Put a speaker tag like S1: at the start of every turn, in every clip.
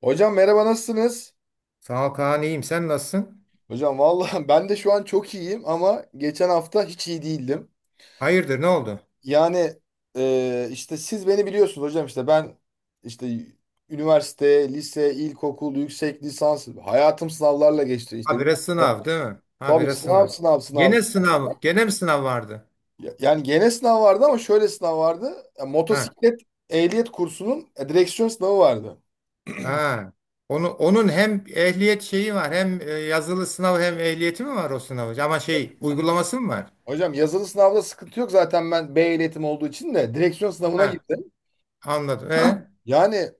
S1: Hocam merhaba, nasılsınız?
S2: Sağ ol Kaan iyiyim. Sen nasılsın?
S1: Hocam vallahi ben de şu an çok iyiyim, ama geçen hafta hiç iyi değildim.
S2: Hayırdır ne oldu?
S1: Yani, işte siz beni biliyorsunuz hocam, işte ben işte üniversite, lise, ilkokul, yüksek lisans hayatım sınavlarla geçti.
S2: Habire sınav değil mi?
S1: Tabii,
S2: Habire
S1: sınav,
S2: sınav.
S1: sınav, sınav.
S2: Gene sınav. Gene mi sınav vardı?
S1: Yani gene sınav vardı, ama şöyle sınav vardı. Ya,
S2: Ha.
S1: motosiklet ehliyet kursunun direksiyon sınavı vardı.
S2: Ha. Onu, onun hem ehliyet şeyi var hem yazılı sınav hem ehliyeti mi var o sınavı? Ama şey uygulaması mı var?
S1: Hocam, yazılı sınavda sıkıntı yok, zaten ben B ehliyetim olduğu için de direksiyon sınavına
S2: Ha.
S1: girdim.
S2: Anladım. E?
S1: Yani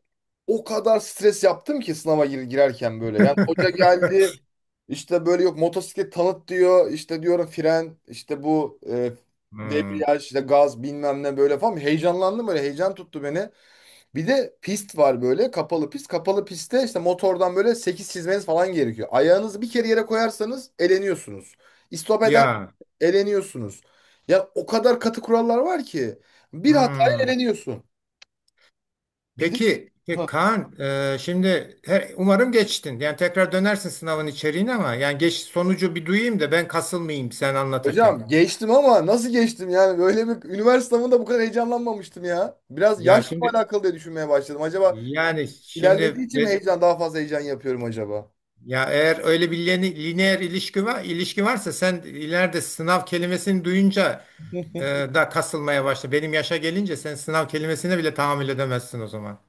S1: o kadar stres yaptım ki sınava girerken böyle. Yani hoca geldi, işte böyle, yok motosiklet tanıt diyor. İşte diyorum fren, işte bu
S2: Hmm.
S1: debriyaj, işte gaz, bilmem ne böyle falan. Heyecanlandım böyle, heyecan tuttu beni. Bir de pist var böyle, kapalı pist. Kapalı pistte işte motordan böyle 8 çizmeniz falan gerekiyor. Ayağınızı bir kere yere koyarsanız eleniyorsunuz. İstop eder,
S2: Ya.
S1: eleniyorsunuz. Ya o kadar katı kurallar var ki bir hataya
S2: Hmm.
S1: eleniyorsun. Bir de.
S2: Peki, peki Kaan, şimdi umarım geçtin. Yani tekrar dönersin sınavın içeriğine ama yani geç sonucu bir duyayım da ben kasılmayayım sen anlatırken.
S1: Hocam geçtim, ama nasıl geçtim, yani böyle bir üniversite sınavında bu kadar heyecanlanmamıştım ya. Biraz
S2: Ya
S1: yaşla mı
S2: şimdi
S1: alakalı diye düşünmeye başladım. Acaba
S2: yani
S1: ilerlediği için mi heyecan, daha fazla heyecan yapıyorum acaba?
S2: ya eğer öyle bir lineer ilişki varsa sen ileride sınav kelimesini duyunca e, da kasılmaya başla. Benim yaşa gelince sen sınav kelimesine bile tahammül edemezsin o zaman.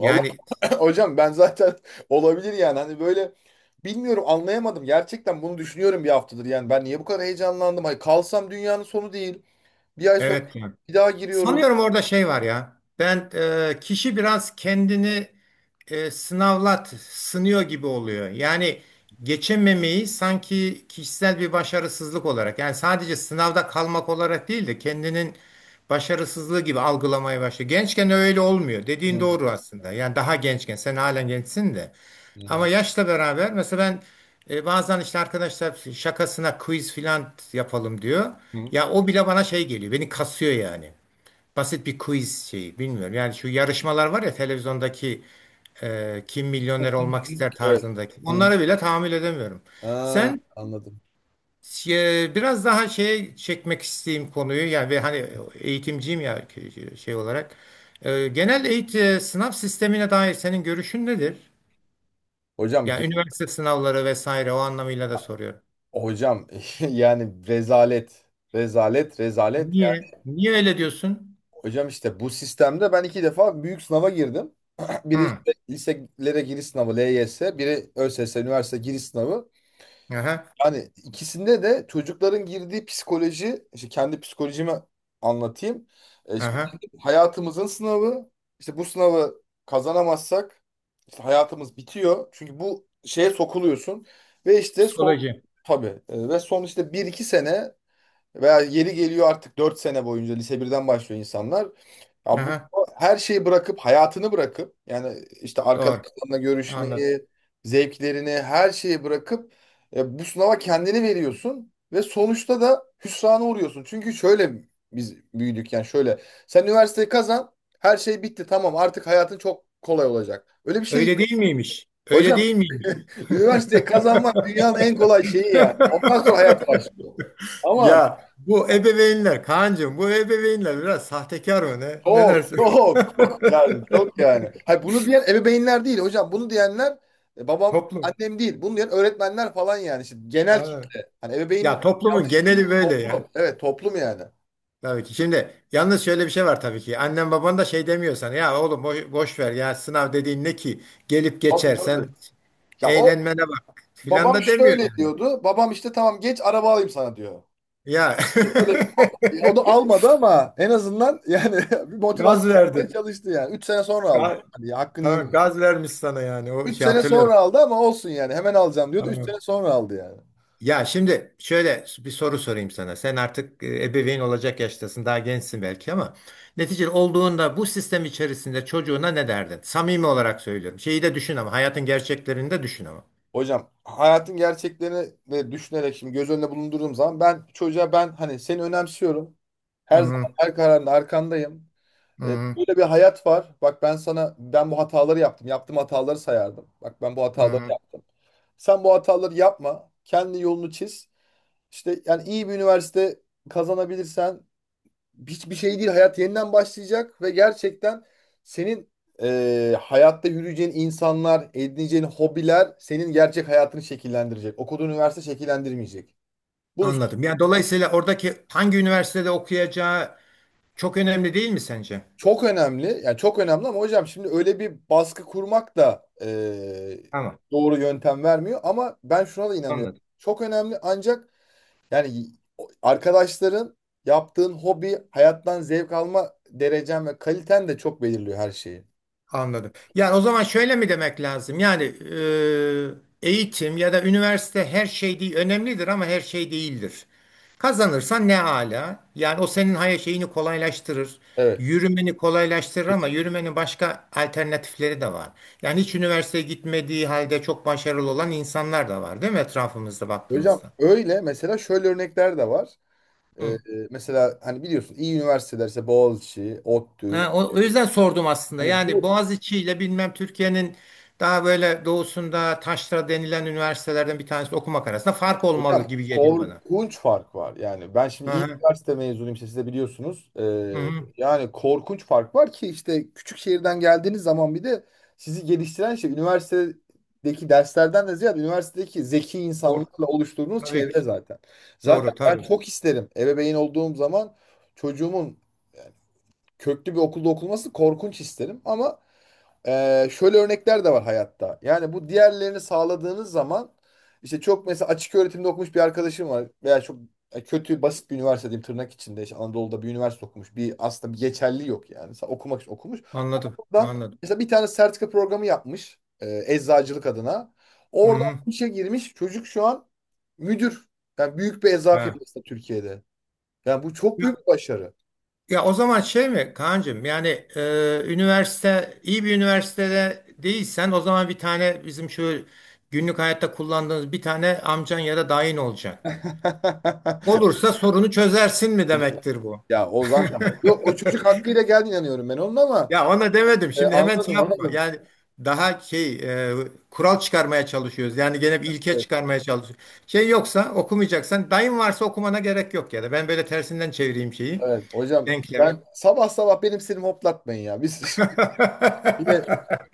S1: Vallahi hocam ben zaten, olabilir, yani hani böyle, bilmiyorum, anlayamadım. Gerçekten bunu düşünüyorum bir haftadır, yani ben niye bu kadar heyecanlandım? Hani kalsam dünyanın sonu değil. Bir ay sonra
S2: evet yani.
S1: bir daha giriyorum.
S2: Sanıyorum orada şey var ya. Ben kişi biraz kendini sınıyor gibi oluyor. Yani geçememeyi sanki kişisel bir başarısızlık olarak, yani sadece sınavda kalmak olarak değil de kendinin başarısızlığı gibi algılamaya başlıyor. Gençken öyle olmuyor.
S1: Hı
S2: Dediğin
S1: hı.
S2: doğru aslında. Yani daha gençken, sen halen gençsin de.
S1: Hı hı.
S2: Ama yaşla beraber mesela ben bazen işte arkadaşlar şakasına quiz filan yapalım diyor.
S1: Hı.
S2: Ya o bile bana şey geliyor. Beni kasıyor yani basit bir quiz şeyi bilmiyorum. Yani şu yarışmalar var ya televizyondaki kim milyoner olmak ister
S1: Evet.
S2: tarzındaki.
S1: Hı.
S2: Onlara bile tahammül edemiyorum.
S1: Ha,
S2: Sen
S1: anladım.
S2: biraz daha şeye çekmek isteyeyim konuyu. Yani ve hani eğitimciyim ya şey olarak. Genel eğitim sınav sistemine dair senin görüşün nedir?
S1: Hocam
S2: Yani üniversite sınavları vesaire o anlamıyla da soruyorum.
S1: Hocam yani rezalet, rezalet, rezalet. Yani
S2: Niye? Niye öyle diyorsun?
S1: hocam, işte bu sistemde ben iki defa büyük sınava girdim. Biri
S2: Hı.
S1: işte liselere giriş sınavı LYS, biri ÖSS üniversite giriş sınavı.
S2: Aha.
S1: Yani ikisinde de çocukların girdiği psikoloji, işte kendi psikolojimi anlatayım. Şimdi
S2: Aha.
S1: hayatımızın sınavı, işte bu sınavı kazanamazsak işte hayatımız bitiyor. Çünkü bu şeye sokuluyorsun ve işte son.
S2: Psikoloji.
S1: Tabii. Ve son, işte bir iki sene veya yeri geliyor, artık 4 sene boyunca lise birden başlıyor insanlar. Ya bu
S2: Aha.
S1: her şeyi bırakıp, hayatını bırakıp, yani işte
S2: Doğru.
S1: arkadaşlarına
S2: Anladım.
S1: görüşmeyi, zevklerini, her şeyi bırakıp bu sınava kendini veriyorsun ve sonuçta da hüsrana uğruyorsun. Çünkü şöyle biz büyüdük, yani şöyle. Sen üniversiteyi kazan, her şey bitti, tamam, artık hayatın çok kolay olacak. Öyle bir şey
S2: Öyle
S1: yok.
S2: değil miymiş? Öyle
S1: Hocam,
S2: değil miymiş?
S1: üniversiteyi kazanmak dünyanın en kolay şeyi yani. Ondan sonra hayat başlıyor. Ama
S2: Ya bu ebeveynler Kaan'cığım bu ebeveynler biraz sahtekar mı ne? Ne
S1: çok
S2: dersin?
S1: çok çok, yani çok yani. Hayır, bunu diyen ebeveynler değil hocam. Bunu diyenler babam
S2: Toplum.
S1: annem değil. Bunu diyen öğretmenler falan yani. İşte genel
S2: Ha.
S1: kitle. Hani ebeveyn
S2: Ya toplumun
S1: yanlış değil,
S2: geneli böyle
S1: toplum.
S2: ya.
S1: Evet, toplum yani.
S2: Tabii ki. Şimdi yalnız şöyle bir şey var tabii ki. Annen baban da şey demiyor sana. Ya oğlum boş, boş ver ya sınav dediğin ne ki? Gelip
S1: Tabii
S2: geçer
S1: tabii.
S2: sen
S1: Ya o,
S2: eğlenmene bak filan
S1: babam
S2: da demiyor
S1: şöyle
S2: yani.
S1: diyordu. Babam işte, tamam geç araba alayım sana diyor.
S2: Ya
S1: Öyle, o, o da almadı ama en azından yani, bir motivasyon
S2: gaz
S1: yapmaya
S2: verdi.
S1: çalıştı yani. 3 sene sonra aldı. Hani ya, hakkını
S2: Tamam
S1: yemiyor.
S2: gaz vermiş sana yani o
S1: 3
S2: şey
S1: sene
S2: hatırlıyorum.
S1: sonra aldı ama olsun yani. Hemen alacağım diyordu. 3
S2: Tamam.
S1: sene sonra aldı yani.
S2: Ya şimdi şöyle bir soru sorayım sana. Sen artık ebeveyn olacak yaştasın. Daha gençsin belki ama neticede olduğunda bu sistem içerisinde çocuğuna ne derdin? Samimi olarak söylüyorum. Şeyi de düşün ama hayatın gerçeklerini de düşün ama.
S1: Hocam, hayatın gerçeklerini ve düşünerek şimdi göz önüne bulundurduğum zaman, ben çocuğa, ben hani seni önemsiyorum. Her zaman
S2: Hı
S1: her kararında arkandayım. E,
S2: hı
S1: böyle bir hayat var. Bak ben sana, ben bu hataları yaptım. Yaptığım hataları sayardım. Bak ben bu hataları
S2: hı.
S1: yaptım. Sen bu hataları yapma. Kendi yolunu çiz. İşte yani iyi bir üniversite kazanabilirsen hiçbir şey değil. Hayat yeniden başlayacak ve gerçekten senin hayatta yürüyeceğin insanlar, edineceğin hobiler senin gerçek hayatını şekillendirecek. Okuduğun üniversite şekillendirmeyecek. Bu
S2: Anladım. Yani dolayısıyla oradaki hangi üniversitede okuyacağı çok önemli değil mi sence?
S1: çok önemli. Yani çok önemli, ama hocam şimdi öyle bir baskı kurmak da
S2: Tamam.
S1: doğru yöntem vermiyor. Ama ben şuna da inanıyorum.
S2: Anladım.
S1: Çok önemli, ancak yani arkadaşların, yaptığın hobi, hayattan zevk alma derecen ve kaliten de çok belirliyor her şeyi.
S2: Anladım. Yani o zaman şöyle mi demek lazım? Yani eğitim ya da üniversite her şey değil, önemlidir ama her şey değildir. Kazanırsan ne hala? Yani o senin hayat şeyini kolaylaştırır.
S1: Evet.
S2: Yürümeni kolaylaştırır ama yürümenin başka alternatifleri de var. Yani hiç üniversiteye gitmediği halde çok başarılı olan insanlar da var, değil mi etrafımızda
S1: Hocam
S2: baktığımızda?
S1: öyle, mesela şöyle örnekler de var. Ee, e,
S2: Hı.
S1: mesela hani biliyorsun iyi üniversiteler işte Boğaziçi, ODTÜ.
S2: Ha, o, o yüzden sordum aslında.
S1: Hani
S2: Yani
S1: bu.
S2: Boğaziçi ile bilmem Türkiye'nin daha böyle doğusunda taşra denilen üniversitelerden bir tanesi okumak arasında fark olmalı
S1: Hocam,
S2: gibi geliyor bana.
S1: korkunç fark var. Yani ben şimdi
S2: Hı
S1: iyi
S2: hı.
S1: üniversite mezunuyum, işte siz de biliyorsunuz.
S2: Hı
S1: Ee,
S2: hı.
S1: yani korkunç fark var ki, işte küçük şehirden geldiğiniz zaman, bir de sizi geliştiren şey üniversitedeki derslerden de ziyade üniversitedeki zeki
S2: Or-
S1: insanlarla oluşturduğunuz
S2: tabii
S1: çevre
S2: ki.
S1: zaten. Zaten
S2: Doğru
S1: ben
S2: tabii.
S1: çok isterim, ebeveyn olduğum zaman çocuğumun köklü bir okulda okunması, korkunç isterim, ama şöyle örnekler de var hayatta. Yani bu diğerlerini sağladığınız zaman, işte çok, mesela açık öğretimde okumuş bir arkadaşım var, veya çok kötü, basit bir üniversite diyeyim tırnak içinde, işte Anadolu'da bir üniversite okumuş. Bir aslında bir geçerli yok yani. Okumak için okumuş.
S2: Anladım.
S1: Oradan
S2: Anladım.
S1: mesela bir tane sertifika programı yapmış eczacılık adına.
S2: Hı
S1: Oradan
S2: hı.
S1: işe girmiş. Çocuk şu an müdür. Yani büyük bir eczacı
S2: Ha.
S1: firması da Türkiye'de. Yani bu çok büyük
S2: Ya,
S1: bir başarı.
S2: ya o zaman şey mi Kaan'cığım yani üniversite iyi bir üniversitede değilsen o zaman bir tane bizim şu günlük hayatta kullandığımız bir tane amcan ya da dayın olacak. Olursa sorunu çözersin mi
S1: Hocam.
S2: demektir bu?
S1: Ya o zaten yok, o çocuk hakkıyla geldi inanıyorum ben onun, ama
S2: Ya ona demedim. Şimdi hemen şey
S1: anladım,
S2: yapma.
S1: anladım.
S2: Yani daha şey e, kural çıkarmaya çalışıyoruz. Yani gene bir ilke
S1: Evet,
S2: çıkarmaya çalışıyoruz. Şey yoksa okumayacaksan dayın varsa okumana gerek yok ya da ben böyle tersinden çevireyim şeyi.
S1: evet. Hocam
S2: Denklemi.
S1: ben sabah sabah benim sinirimi hoplatmayın ya. Biz yine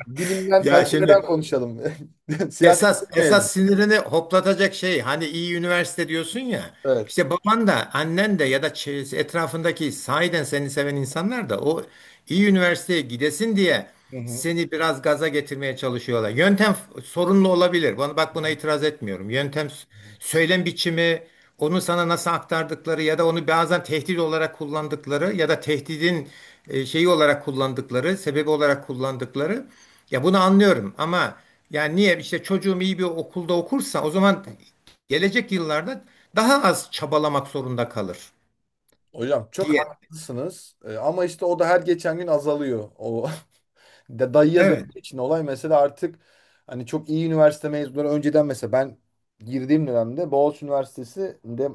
S1: bilimden,
S2: Ya
S1: felsefeden
S2: şimdi
S1: konuşalım. Siyaset
S2: Esas
S1: etmeyelim.
S2: esas sinirini hoplatacak şey hani iyi üniversite diyorsun ya.
S1: Evet.
S2: İşte baban da annen de ya da etrafındaki sahiden seni seven insanlar da o iyi üniversiteye gidesin diye
S1: Hı hı.
S2: seni biraz gaza getirmeye çalışıyorlar. Sorunlu olabilir. Bana bak buna itiraz etmiyorum. Söylem biçimi, onu sana nasıl aktardıkları ya da onu bazen tehdit olarak kullandıkları ya da tehdidin şeyi olarak kullandıkları, sebebi olarak kullandıkları ya bunu anlıyorum ama yani niye işte çocuğum iyi bir okulda okursa o zaman gelecek yıllarda daha az çabalamak zorunda kalır
S1: Hocam çok
S2: diye.
S1: haklısınız, ama işte o da her geçen gün azalıyor. O, de dayıya
S2: Evet.
S1: döndüğü için olay, mesela artık hani çok iyi üniversite mezunları, önceden mesela ben girdiğim dönemde Boğaziçi Üniversitesi'nde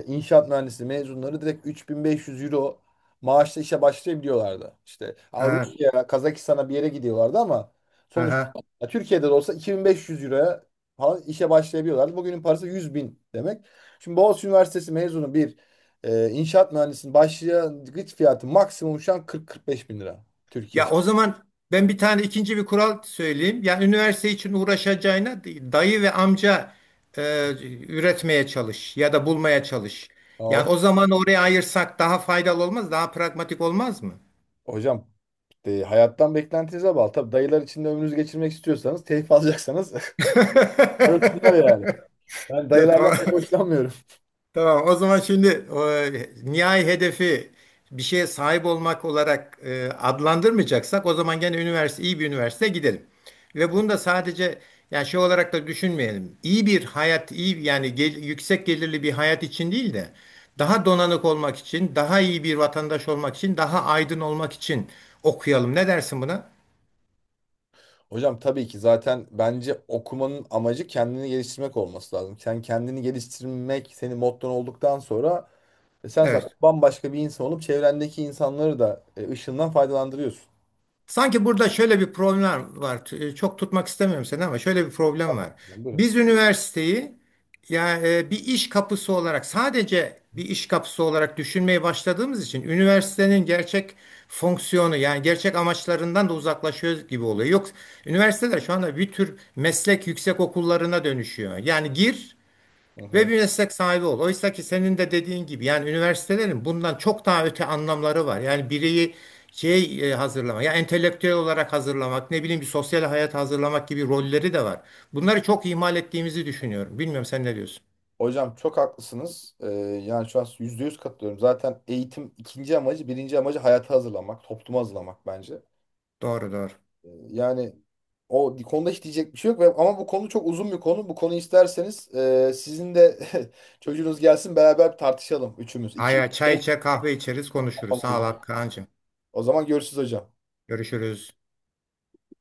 S1: inşaat mühendisliği mezunları direkt 3.500 euro maaşla işe başlayabiliyorlardı. İşte ha,
S2: Ha,
S1: Rusya'ya, Kazakistan'a bir yere gidiyorlardı, ama sonuçta
S2: aha.
S1: ya Türkiye'de de olsa 2.500 euroya falan işe başlayabiliyorlardı. Bugünün parası 100 bin demek. Şimdi Boğaziçi Üniversitesi mezunu bir inşaat mühendisinin başlangıç fiyatı maksimum şu an 40-45 bin lira Türkiye
S2: Ya
S1: için.
S2: o zaman ben bir tane ikinci bir kural söyleyeyim. Yani üniversite için uğraşacağına dayı ve amca e, üretmeye çalış ya da bulmaya çalış. Yani o zaman oraya ayırsak daha faydalı olmaz, daha pragmatik olmaz mı?
S1: Hocam, hayattan beklentinize bağlı. Tabii, dayılar içinde ömrünüzü geçirmek istiyorsanız, keyif alacaksanız, arasınlar yani. Ben
S2: Ya
S1: dayılardan
S2: tamam.
S1: pek hoşlanmıyorum.
S2: Tamam, o zaman şimdi e, nihai hedefi bir şeye sahip olmak olarak adlandırmayacaksak o zaman gene üniversite iyi bir üniversiteye gidelim. Ve bunu da sadece yani şey olarak da düşünmeyelim. İyi bir hayat, iyi yani yüksek gelirli bir hayat için değil de daha donanık olmak için, daha iyi bir vatandaş olmak için, daha aydın olmak için okuyalım. Ne dersin buna?
S1: Hocam, tabii ki, zaten bence okumanın amacı kendini geliştirmek olması lazım. Sen kendini geliştirmek senin motton olduktan sonra, sen zaten
S2: Evet.
S1: bambaşka bir insan olup çevrendeki insanları da ışığından faydalandırıyorsun.
S2: Sanki burada şöyle bir problem var. Çok tutmak istemiyorum seni ama şöyle bir problem
S1: Tabii.
S2: var.
S1: Buyurun.
S2: Biz üniversiteyi ya bir iş kapısı olarak sadece bir iş kapısı olarak düşünmeye başladığımız için üniversitenin gerçek fonksiyonu yani gerçek amaçlarından da uzaklaşıyoruz gibi oluyor. Yok üniversiteler şu anda bir tür meslek yüksek okullarına dönüşüyor. Yani gir
S1: Hı
S2: ve
S1: hı.
S2: bir meslek sahibi ol. Oysa ki senin de dediğin gibi yani üniversitelerin bundan çok daha öte anlamları var. Yani bireyi şey hazırlamak, ya entelektüel olarak hazırlamak, ne bileyim bir sosyal hayat hazırlamak gibi rolleri de var. Bunları çok ihmal ettiğimizi düşünüyorum. Bilmiyorum sen ne diyorsun?
S1: Hocam çok haklısınız. Yani şu an %100 katılıyorum. Zaten eğitim ikinci amacı, birinci amacı hayata hazırlamak, topluma hazırlamak bence.
S2: Doğru doğru.
S1: Yani o konuda hiç diyecek bir şey yok. Ama bu konu çok uzun bir konu. Bu konuyu isterseniz sizin de çocuğunuz gelsin, beraber tartışalım üçümüz. İki.
S2: Aya çay içer, kahve içeriz, konuşuruz. Sağ ol Kaan'cığım.
S1: O zaman görüşürüz hocam.
S2: Görüşürüz.